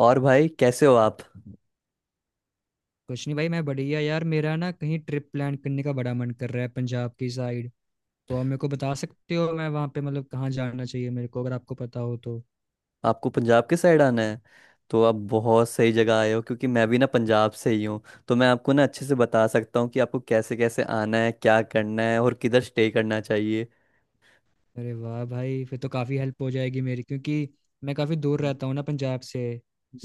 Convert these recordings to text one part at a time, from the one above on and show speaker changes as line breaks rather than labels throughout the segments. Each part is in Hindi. और भाई, कैसे हो आप?
कुछ नहीं भाई, मैं बढ़िया यार। मेरा ना कहीं ट्रिप प्लान करने का बड़ा मन कर रहा है पंजाब की साइड। तो आप मेरे को बता सकते हो मैं वहाँ पे मतलब कहाँ जाना चाहिए मेरे को, अगर आपको पता हो तो।
आपको पंजाब के साइड आना है? तो आप बहुत सही जगह आए हो, क्योंकि मैं भी ना पंजाब से ही हूँ। तो मैं आपको ना अच्छे से बता सकता हूँ कि आपको कैसे कैसे आना है, क्या करना है, और किधर स्टे करना चाहिए।
अरे वाह भाई, फिर तो काफ़ी हेल्प हो जाएगी मेरी, क्योंकि मैं काफ़ी दूर
हम्म।
रहता हूँ ना पंजाब से।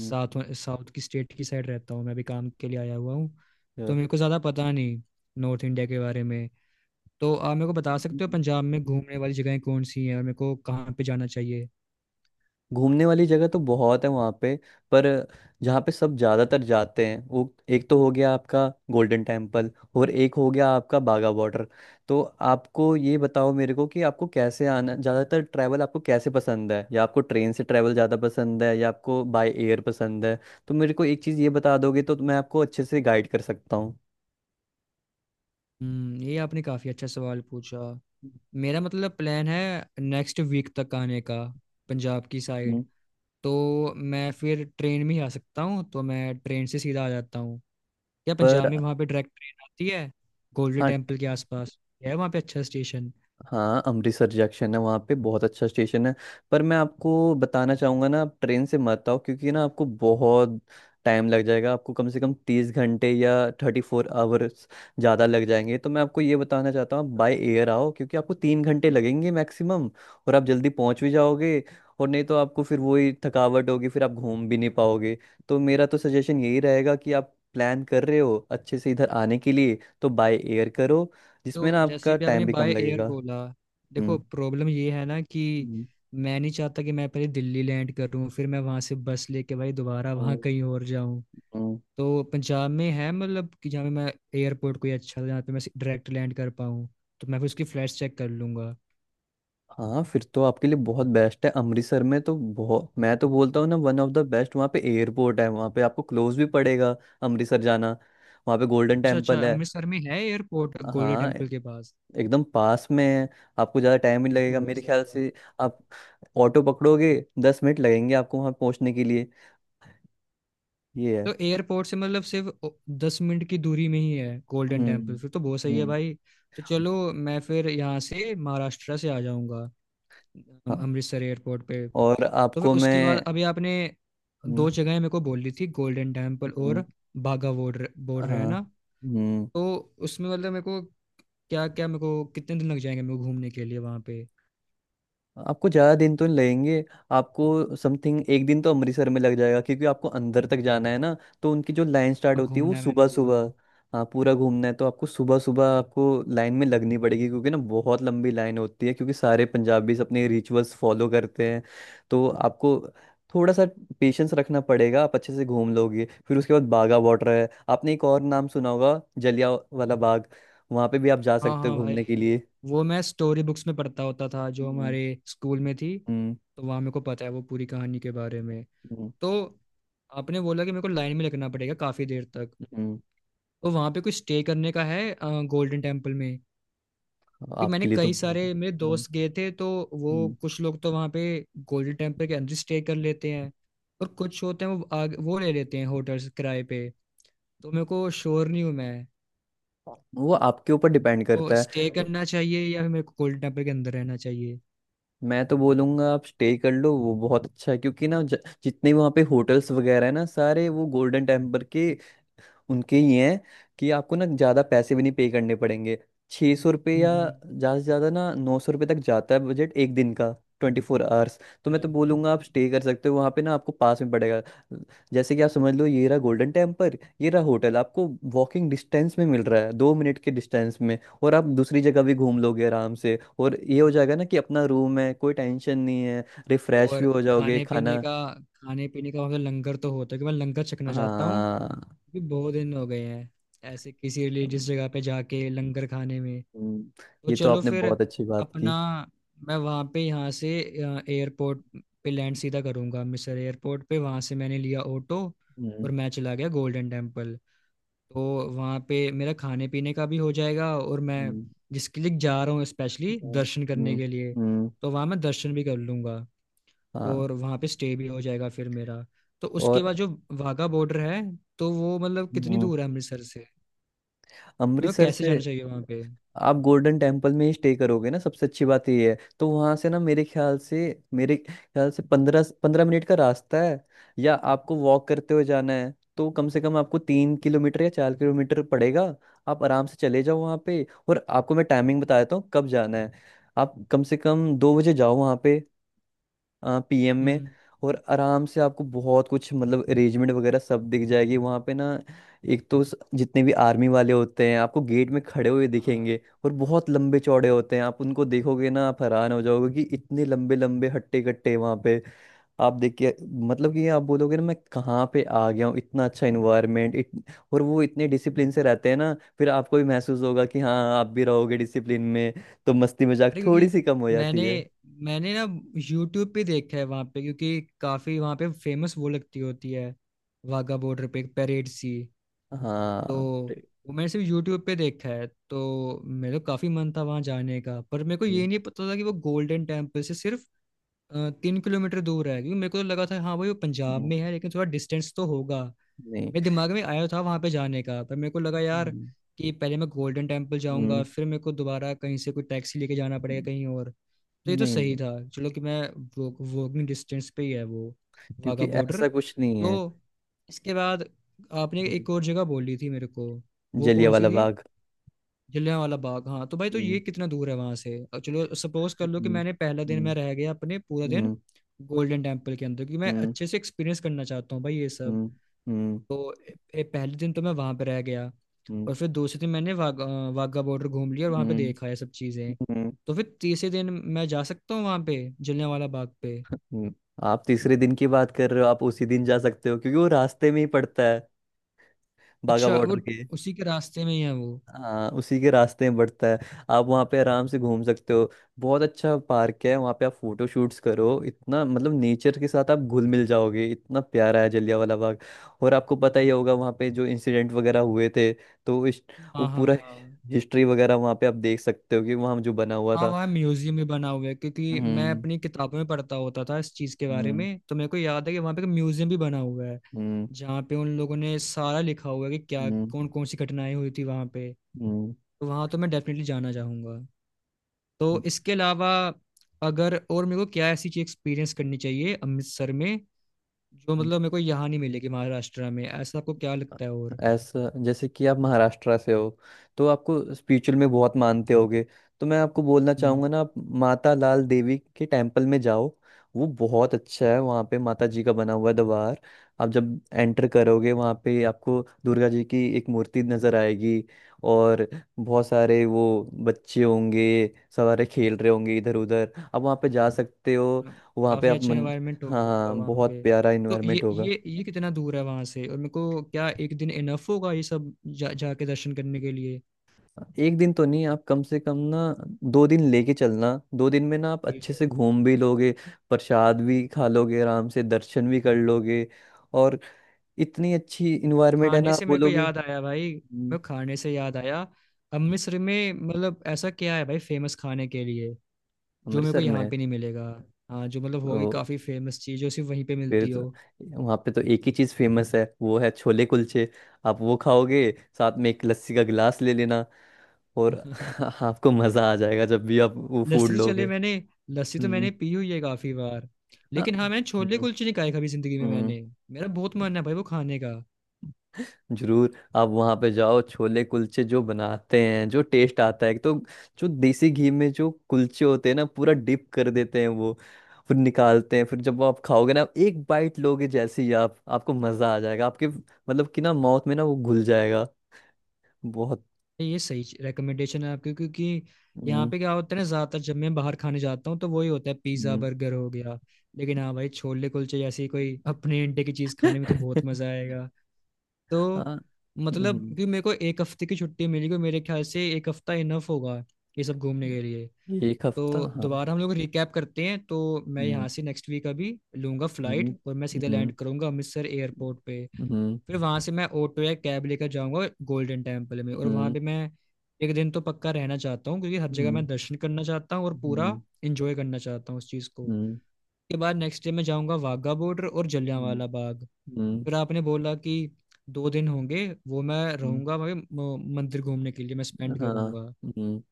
हम्म।
साउथ की स्टेट की साइड रहता हूँ, मैं भी काम के लिए आया हुआ हूँ। तो मेरे को ज़्यादा पता नहीं नॉर्थ इंडिया के बारे में। तो आप मेरे को बता
yeah।
सकते हो पंजाब में घूमने वाली जगहें कौन सी हैं और मेरे को कहाँ पे जाना चाहिए।
घूमने वाली जगह तो बहुत है वहाँ पे। पर जहाँ पे सब ज़्यादातर जाते हैं, वो एक तो हो गया आपका गोल्डन टेम्पल, और एक हो गया आपका बागा बॉर्डर। तो आपको ये बताओ मेरे को कि आपको कैसे आना, ज़्यादातर ट्रैवल आपको कैसे पसंद है, या आपको ट्रेन से ट्रैवल ज़्यादा पसंद है, या आपको बाय एयर पसंद है? तो मेरे को एक चीज़ ये बता दोगे तो मैं आपको अच्छे से गाइड कर सकता हूँ।
हम्म, ये आपने काफ़ी अच्छा सवाल पूछा। मेरा मतलब प्लान है नेक्स्ट वीक तक आने का पंजाब की
हम्म।
साइड। तो मैं फिर ट्रेन में ही आ सकता हूँ, तो मैं ट्रेन से सीधा आ जाता हूँ। या पंजाब
पर।
में वहाँ पे डायरेक्ट ट्रेन आती है गोल्डन
हाँ।
टेम्पल के आसपास, है वहाँ पे अच्छा स्टेशन?
हाँ, अमृतसर जंक्शन है वहाँ पे, बहुत अच्छा स्टेशन है। पर मैं आपको बताना चाहूँगा ना, आप ट्रेन से मत आओ, क्योंकि ना आपको बहुत टाइम लग जाएगा, आपको कम से कम 30 घंटे या 34 आवर्स ज़्यादा लग जाएंगे। तो मैं आपको ये बताना चाहता हूँ, आप बाय एयर आओ, क्योंकि आपको 3 घंटे लगेंगे मैक्सिमम, और आप जल्दी पहुँच भी जाओगे। और नहीं तो आपको फिर वही थकावट होगी, फिर आप घूम भी नहीं पाओगे। तो मेरा तो सजेशन यही रहेगा कि आप प्लान कर रहे हो अच्छे से इधर आने के लिए, तो बाय एयर करो, जिसमें
तो
ना
जैसे
आपका
भी आपने
टाइम भी
बाय
कम
एयर
लगेगा।
बोला, देखो
हम्म।
प्रॉब्लम ये है ना कि
हम्म।
मैं नहीं चाहता कि मैं पहले दिल्ली लैंड करूँ फिर मैं वहाँ से बस लेके भाई दोबारा
हम्म।
वहाँ कहीं और जाऊँ।
हम्म।
तो पंजाब में है मतलब कि जहाँ पे मैं एयरपोर्ट कोई अच्छा जहाँ पे मैं डायरेक्ट लैंड कर पाऊँ? तो मैं फिर उसकी फ्लाइट्स चेक कर लूंगा।
हाँ, फिर तो आपके लिए बहुत बेस्ट है। अमृतसर में तो बहुत, मैं तो बोलता हूँ ना, वन ऑफ द बेस्ट वहाँ पे एयरपोर्ट है। वहाँ पे आपको क्लोज भी पड़ेगा, अमृतसर जाना। वहाँ पे गोल्डन
अच्छा अच्छा,
टेम्पल है।
अमृतसर में है एयरपोर्ट गोल्डन
हाँ।
टेम्पल के पास।
एकदम पास में है। आपको ज़्यादा टाइम नहीं
ये तो
लगेगा
बहुत
मेरे
सही
ख्याल
है भाई।
से। आप ऑटो पकड़ोगे, 10 मिनट लगेंगे आपको वहाँ पहुँचने के लिए। ये
तो
है।
एयरपोर्ट से मतलब सिर्फ 10 मिनट की दूरी में ही है गोल्डन टेम्पल?
हम्म।
फिर तो बहुत सही है
हम्म।
भाई। तो चलो, मैं फिर यहाँ से महाराष्ट्र से आ जाऊँगा
हाँ।
अमृतसर एयरपोर्ट पे।
और
तो फिर
आपको
उसके बाद
मैं।
अभी आपने
हम्म।
दो जगह मेरे को बोली थी, गोल्डन टेम्पल
हम्म।
और बाघा बॉर्डर, बॉर्डर है
हाँ।
ना?
हम्म।
तो उसमें मतलब मेरे को, क्या क्या मेरे को कितने दिन लग जाएंगे मेरे को घूमने के लिए वहां पे?
आपको ज़्यादा दिन तो नहीं लगेंगे। आपको समथिंग एक दिन तो अमृतसर में लग जाएगा, क्योंकि आपको अंदर तक जाना है ना। तो उनकी जो लाइन स्टार्ट
अब
होती है वो
घूमना है मैंने
सुबह
पूरा।
सुबह। हाँ, पूरा घूमना है तो आपको सुबह सुबह आपको लाइन में लगनी पड़ेगी, क्योंकि ना बहुत लंबी लाइन होती है, क्योंकि सारे पंजाबीज अपने रिचुअल्स फॉलो करते हैं। तो आपको थोड़ा सा पेशेंस रखना पड़ेगा, आप अच्छे से घूम लोगे। फिर उसके बाद बागा बॉर्डर है। आपने एक और नाम सुना होगा, जलिया वाला बाग। वहाँ पे भी आप जा
हाँ
सकते हो
हाँ भाई,
घूमने के लिए।
वो मैं स्टोरी बुक्स में पढ़ता होता था जो
हम्म।
हमारे स्कूल में थी।
हम्म।
तो वहाँ मेरे को पता है वो पूरी कहानी के बारे में।
हम्म।
तो आपने बोला कि मेरे को लाइन में लगना पड़ेगा काफ़ी देर तक।
हम्म।
तो वहाँ पे कुछ स्टे करने का है गोल्डन टेम्पल में कि, मैंने
आपके लिए तो
कई
बहुत-
सारे मेरे
हम्म।
दोस्त गए थे तो वो,
हम्म।
कुछ लोग तो वहाँ पे गोल्डन टेम्पल के अंदर स्टे कर लेते हैं, और कुछ होते हैं वो वो ले लेते हैं होटल्स किराए पे। तो मेरे को श्योर नहीं हूँ मैं
वो आपके ऊपर डिपेंड
को
करता है।
स्टे
वो-
करना चाहिए या मेरे को कोल्ड टेम्पर के अंदर रहना चाहिए।
मैं तो बोलूंगा आप स्टे कर लो, वो बहुत अच्छा है, क्योंकि ना जितने वहाँ पे होटल्स वगैरह है ना, सारे वो गोल्डन टेम्पल के, उनके ये हैं कि आपको ना ज़्यादा पैसे भी नहीं पे करने पड़ेंगे। 600 रुपये या
हम्म,
ज़्यादा से ज़्यादा ना 900 रुपये तक जाता है बजट एक दिन का, 24 आवर्स। तो मैं
अच्छा।
तो बोलूँगा आप स्टे कर सकते हो वहाँ पे ना, आपको पास में पड़ेगा। जैसे कि आप समझ लो, ये रहा गोल्डन टेम्पल, ये रहा होटल, आपको वॉकिंग डिस्टेंस में मिल रहा है, 2 मिनट के डिस्टेंस में, और आप दूसरी जगह भी घूम लोगे आराम से, और ये हो जाएगा ना कि अपना रूम है, कोई टेंशन नहीं है। रिफ्रेश भी
और
हो जाओगे।
खाने पीने
खाना।
का, खाने पीने का वहाँ पे लंगर तो होता है कि, मैं लंगर चखना चाहता हूँ
हाँ।
क्योंकि बहुत दिन हो गए हैं ऐसे किसी रिलीजियस जगह पे जाके लंगर खाने में।
हम्म।
तो
ये तो
चलो
आपने
फिर
बहुत अच्छी बात की।
अपना, मैं वहाँ पे यहाँ से एयरपोर्ट पे लैंड सीधा करूँगा मिसर एयरपोर्ट पे, वहाँ से मैंने लिया ऑटो
हम्म।
और मैं चला गया गोल्डन टेम्पल। तो वहाँ पे मेरा खाने पीने का भी हो जाएगा और मैं
हम्म।
जिसके लिए जा रहा हूँ स्पेशली
हम्म।
दर्शन
हम्म।
करने के लिए,
हम्म।
तो वहाँ मैं दर्शन भी कर लूँगा
हाँ।
और वहाँ पे स्टे भी हो जाएगा फिर मेरा। तो
और।
उसके बाद जो वाघा बॉर्डर है, तो वो मतलब कितनी
हम्म।
दूर है अमृतसर से? मेरे को
अमृतसर
कैसे
से।
जाना चाहिए वहाँ पे?
आप गोल्डन टेम्पल में ही स्टे करोगे ना, सबसे अच्छी बात ये है, तो वहाँ से ना मेरे ख्याल से पंद्रह पंद्रह मिनट का रास्ता है। या आपको वॉक करते हुए जाना है तो कम से कम आपको 3 किलोमीटर या 4 किलोमीटर पड़ेगा। आप आराम से चले जाओ वहाँ पे। और आपको मैं टाइमिंग बता देता हूँ कब जाना है। आप कम से कम 2 बजे जाओ वहाँ पे, पीएम में।
हम्म।
और आराम से आपको बहुत कुछ, मतलब अरेंजमेंट वगैरह, सब दिख जाएगी वहाँ पे ना। एक तो जितने भी आर्मी वाले होते हैं आपको गेट में खड़े हुए
हाँ।
दिखेंगे, और बहुत लंबे चौड़े होते हैं। आप उनको देखोगे ना आप हैरान हो जाओगे कि इतने लंबे लंबे हट्टे कट्टे वहाँ पे। आप देख के, मतलब कि आप बोलोगे ना मैं कहाँ पे आ गया हूँ, इतना अच्छा इन्वायरमेंट, और वो इतने डिसिप्लिन से रहते हैं ना, फिर आपको भी महसूस होगा कि हाँ आप भी रहोगे डिसिप्लिन में। तो मस्ती मजाक
अरे
थोड़ी
क्योंकि
सी कम हो जाती
मैंने
है।
मैंने ना यूट्यूब पे देखा है वहाँ पे क्योंकि काफ़ी वहाँ पे फेमस वो लगती होती है वाघा बॉर्डर पे, एक परेड सी। तो
हाँ।
वो मैंने सिर्फ यूट्यूब पे देखा है, तो मेरा काफी मन था वहां जाने का, पर मेरे को ये नहीं पता था कि वो गोल्डन टेम्पल से सिर्फ 3 किलोमीटर दूर है, क्योंकि मेरे को तो लगा था हाँ भाई वो पंजाब
हम्म।
में है लेकिन थोड़ा डिस्टेंस तो होगा।
नहीं।
मेरे दिमाग में आया था वहां पे जाने का, पर मेरे को लगा यार
हम्म।
कि पहले मैं गोल्डन टेम्पल जाऊंगा
हम्म।
फिर मेरे को दोबारा कहीं से कोई टैक्सी लेके जाना पड़ेगा कहीं और। तो ये तो
नहीं
सही
नहीं,
था, चलो, कि मैं वो, वॉकिंग डिस्टेंस पे ही है वो वाघा
क्योंकि
बॉर्डर
ऐसा कुछ नहीं है।
तो। इसके बाद आपने
हम्म।
एक और जगह बोली थी मेरे को, वो
जलिया
कौन सी
वाला
थी?
बाग।
जलियांवाला बाग। हाँ तो भाई, तो
हम्म।
ये कितना दूर है वहां से? और चलो सपोज कर लो कि
हम्म।
मैंने पहला दिन
हम्म।
मैं रह गया अपने पूरा दिन
हम्म।
गोल्डन टेम्पल के अंदर क्योंकि मैं
हम्म।
अच्छे से एक्सपीरियंस करना चाहता हूँ भाई ये सब।
हम्म। हम्म।
तो पहले दिन तो मैं वहां पे रह गया,
हम्म।
और फिर दूसरे दिन मैंने वाघा वाघा बॉर्डर घूम लिया और वहां पे
हम्म।
देखा ये सब चीजें।
हम्म।
तो फिर तीसरे दिन मैं जा सकता हूँ वहां पे जलियांवाला बाग पे।
हम्म। आप तीसरे दिन की बात कर रहे हो, आप उसी दिन जा सकते हो क्योंकि वो रास्ते में ही पड़ता है, बाघा
अच्छा, वो
बॉर्डर के।
उसी के रास्ते में ही है वो?
हाँ, उसी के रास्ते में बढ़ता है। आप वहाँ पे आराम से घूम सकते हो। बहुत अच्छा पार्क है वहाँ पे, आप फोटो शूट्स करो, इतना मतलब नेचर के साथ आप घुल मिल जाओगे, इतना प्यारा है जलियांवाला बाग। और आपको पता ही होगा वहाँ पे जो इंसिडेंट वगैरह हुए थे। तो इस, वो
हाँ हाँ
पूरा
हाँ।
हिस्ट्री वगैरह वहाँ पे आप देख सकते हो, कि वहाँ जो बना हुआ
हाँ
था।
वहाँ म्यूजियम भी बना हुआ है क्योंकि मैं
हम्म।
अपनी किताबों में पढ़ता होता था इस चीज के बारे
हम्म।
में, तो मेरे को याद है कि वहाँ पे एक म्यूजियम भी बना हुआ है
हम्म।
जहाँ पे उन लोगों ने सारा लिखा हुआ है कि क्या,
हम्म।
कौन कौन सी घटनाएं हुई थी वहाँ पे।
हम्म।
तो वहाँ तो मैं डेफिनेटली जाना चाहूंगा। तो
हम्म।
इसके अलावा अगर और मेरे को क्या ऐसी चीज एक्सपीरियंस करनी चाहिए अमृतसर में जो मतलब मेरे को यहाँ नहीं मिलेगी महाराष्ट्र में, ऐसा आपको क्या लगता है? और
ऐसा, जैसे कि आप महाराष्ट्र से हो, तो आपको स्पिरिचुअल में बहुत मानते होगे। तो मैं आपको बोलना
हम्म,
चाहूंगा ना, आप माता लाल देवी के टेम्पल में जाओ। वो बहुत अच्छा है। वहाँ पे माता जी का बना हुआ द्वार। आप जब एंटर करोगे वहाँ पे आपको दुर्गा जी की एक मूर्ति नजर आएगी। और बहुत सारे वो बच्चे होंगे, सारे खेल रहे होंगे इधर उधर, आप वहाँ पे जा सकते हो। वहाँ पे
काफी
आप
अच्छा
मन।
एनवायरनमेंट होगा
हाँ हाँ,
मतलब वहाँ
बहुत
पे?
प्यारा
तो
इन्वायरमेंट
ये
होगा।
ये ये कितना दूर है वहाँ से और मेरे को क्या एक दिन इनफ होगा ये सब जा जाके दर्शन करने के लिए?
एक दिन तो नहीं, आप कम से कम ना 2 दिन लेके चलना। 2 दिन में ना आप
ठीक
अच्छे
है।
से घूम भी लोगे, प्रसाद भी खा लोगे, आराम से दर्शन भी कर लोगे। और इतनी अच्छी इन्वायरमेंट है
खाने
ना, आप
से मेरे को
बोलोगे।
याद आया भाई, मेरे
हम्म।
को खाने से याद आया। अमृतसर में मतलब ऐसा क्या है भाई फेमस खाने के लिए जो मेरे को
अमृतसर में
यहाँ
है।
पे नहीं मिलेगा? हाँ, जो मतलब होगी
तो
काफी फेमस चीज जो सिर्फ वहीं पे
फिर
मिलती हो।
तो, वहाँ पे तो एक ही चीज़ फेमस है, वो है छोले कुलचे। आप वो खाओगे, साथ में एक लस्सी का गिलास ले लेना। और आपको मज़ा आ जाएगा जब भी आप वो फूड
लस्सी तो
लोगे।
चले मैंने, लस्सी तो
हम्म।
मैंने पी हुई है काफी बार,
हाँ।
लेकिन हाँ मैंने छोले
हम्म।
कुलचे नहीं खाए कभी जिंदगी में
हम्म।
मैंने। मेरा बहुत मन है भाई वो खाने का।
जरूर, आप वहां पे जाओ। छोले कुलचे जो बनाते हैं, जो टेस्ट आता है, एक तो जो देसी घी में जो कुलचे होते हैं ना, पूरा डिप कर देते हैं वो, फिर निकालते हैं, फिर जब आप खाओगे ना एक बाइट लोगे, जैसे ही आप, आपको मजा आ जाएगा, आपके मतलब कि ना माउथ में ना वो घुल जाएगा। बहुत।
ये सही रिकमेंडेशन है आपकी क्योंकि यहाँ
हम्म।
पे क्या होता है ना, ज्यादातर जब मैं बाहर खाने जाता हूँ तो वही होता है, पिज्जा
हम्म।
बर्गर हो गया। लेकिन हाँ भाई छोले कुलचे जैसी कोई अपने इंडिया की चीज खाने में तो बहुत मजा आएगा। तो
हाँ।
मतलब
हम्म।
कि मेरे को एक हफ्ते की छुट्टी मिली हुई, मेरे ख्याल से एक हफ्ता इनफ होगा ये सब घूमने के लिए।
एक हफ्ता,
तो
हाँ।
दोबारा हम लोग रिकैप करते हैं तो, मैं
हम्म।
यहाँ से नेक्स्ट वीक अभी लूंगा
हम्म।
फ्लाइट, और मैं सीधा
हम्म।
लैंड करूंगा अमृतसर एयरपोर्ट पे।
हम्म।
फिर वहाँ से मैं ऑटो या कैब लेकर जाऊंगा गोल्डन टेम्पल में, और वहाँ
हम्म।
पे मैं एक दिन तो पक्का रहना चाहता हूँ क्योंकि हर जगह मैं
हम्म।
दर्शन करना चाहता हूँ और पूरा
हम्म।
इंजॉय करना चाहता हूँ उस चीज़ को।
हम्म।
उसके बाद नेक्स्ट डे मैं जाऊँगा वाघा बॉर्डर और
हम्म।
जलियांवाला बाग।
हम्म।
फिर आपने बोला कि 2 दिन होंगे वो मैं
हम्म।
रहूंगा भाई मंदिर घूमने के लिए मैं स्पेंड
हाँ।
करूंगा।
हम्म।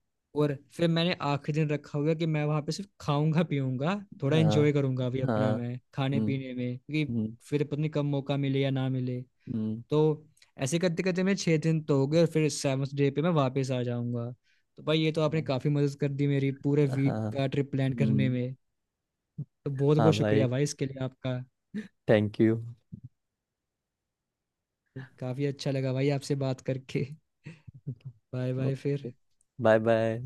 और फिर मैंने आखिरी दिन रखा हुआ कि मैं वहां पे सिर्फ खाऊंगा पीऊंगा, थोड़ा
हाँ
एंजॉय करूंगा अभी अपना
हाँ।
मैं खाने
हम्म।
पीने में क्योंकि
हम्म।
फिर पता नहीं कब मौका मिले या ना मिले।
हम्म।
तो ऐसे करते करते मेरे 6 दिन तो हो गए और फिर सेवन्थ डे पे मैं वापस आ जाऊंगा। तो भाई ये तो आपने काफी मदद कर दी मेरी पूरे
हाँ।
वीक
हाँ
का ट्रिप प्लान करने
हम्म,
में। तो बहुत
हाँ
बहुत शुक्रिया
भाई।
भाई इसके लिए आपका।
Thank you.
काफी अच्छा लगा भाई आपसे बात करके। Bye bye
okay.
फिर।
Bye bye.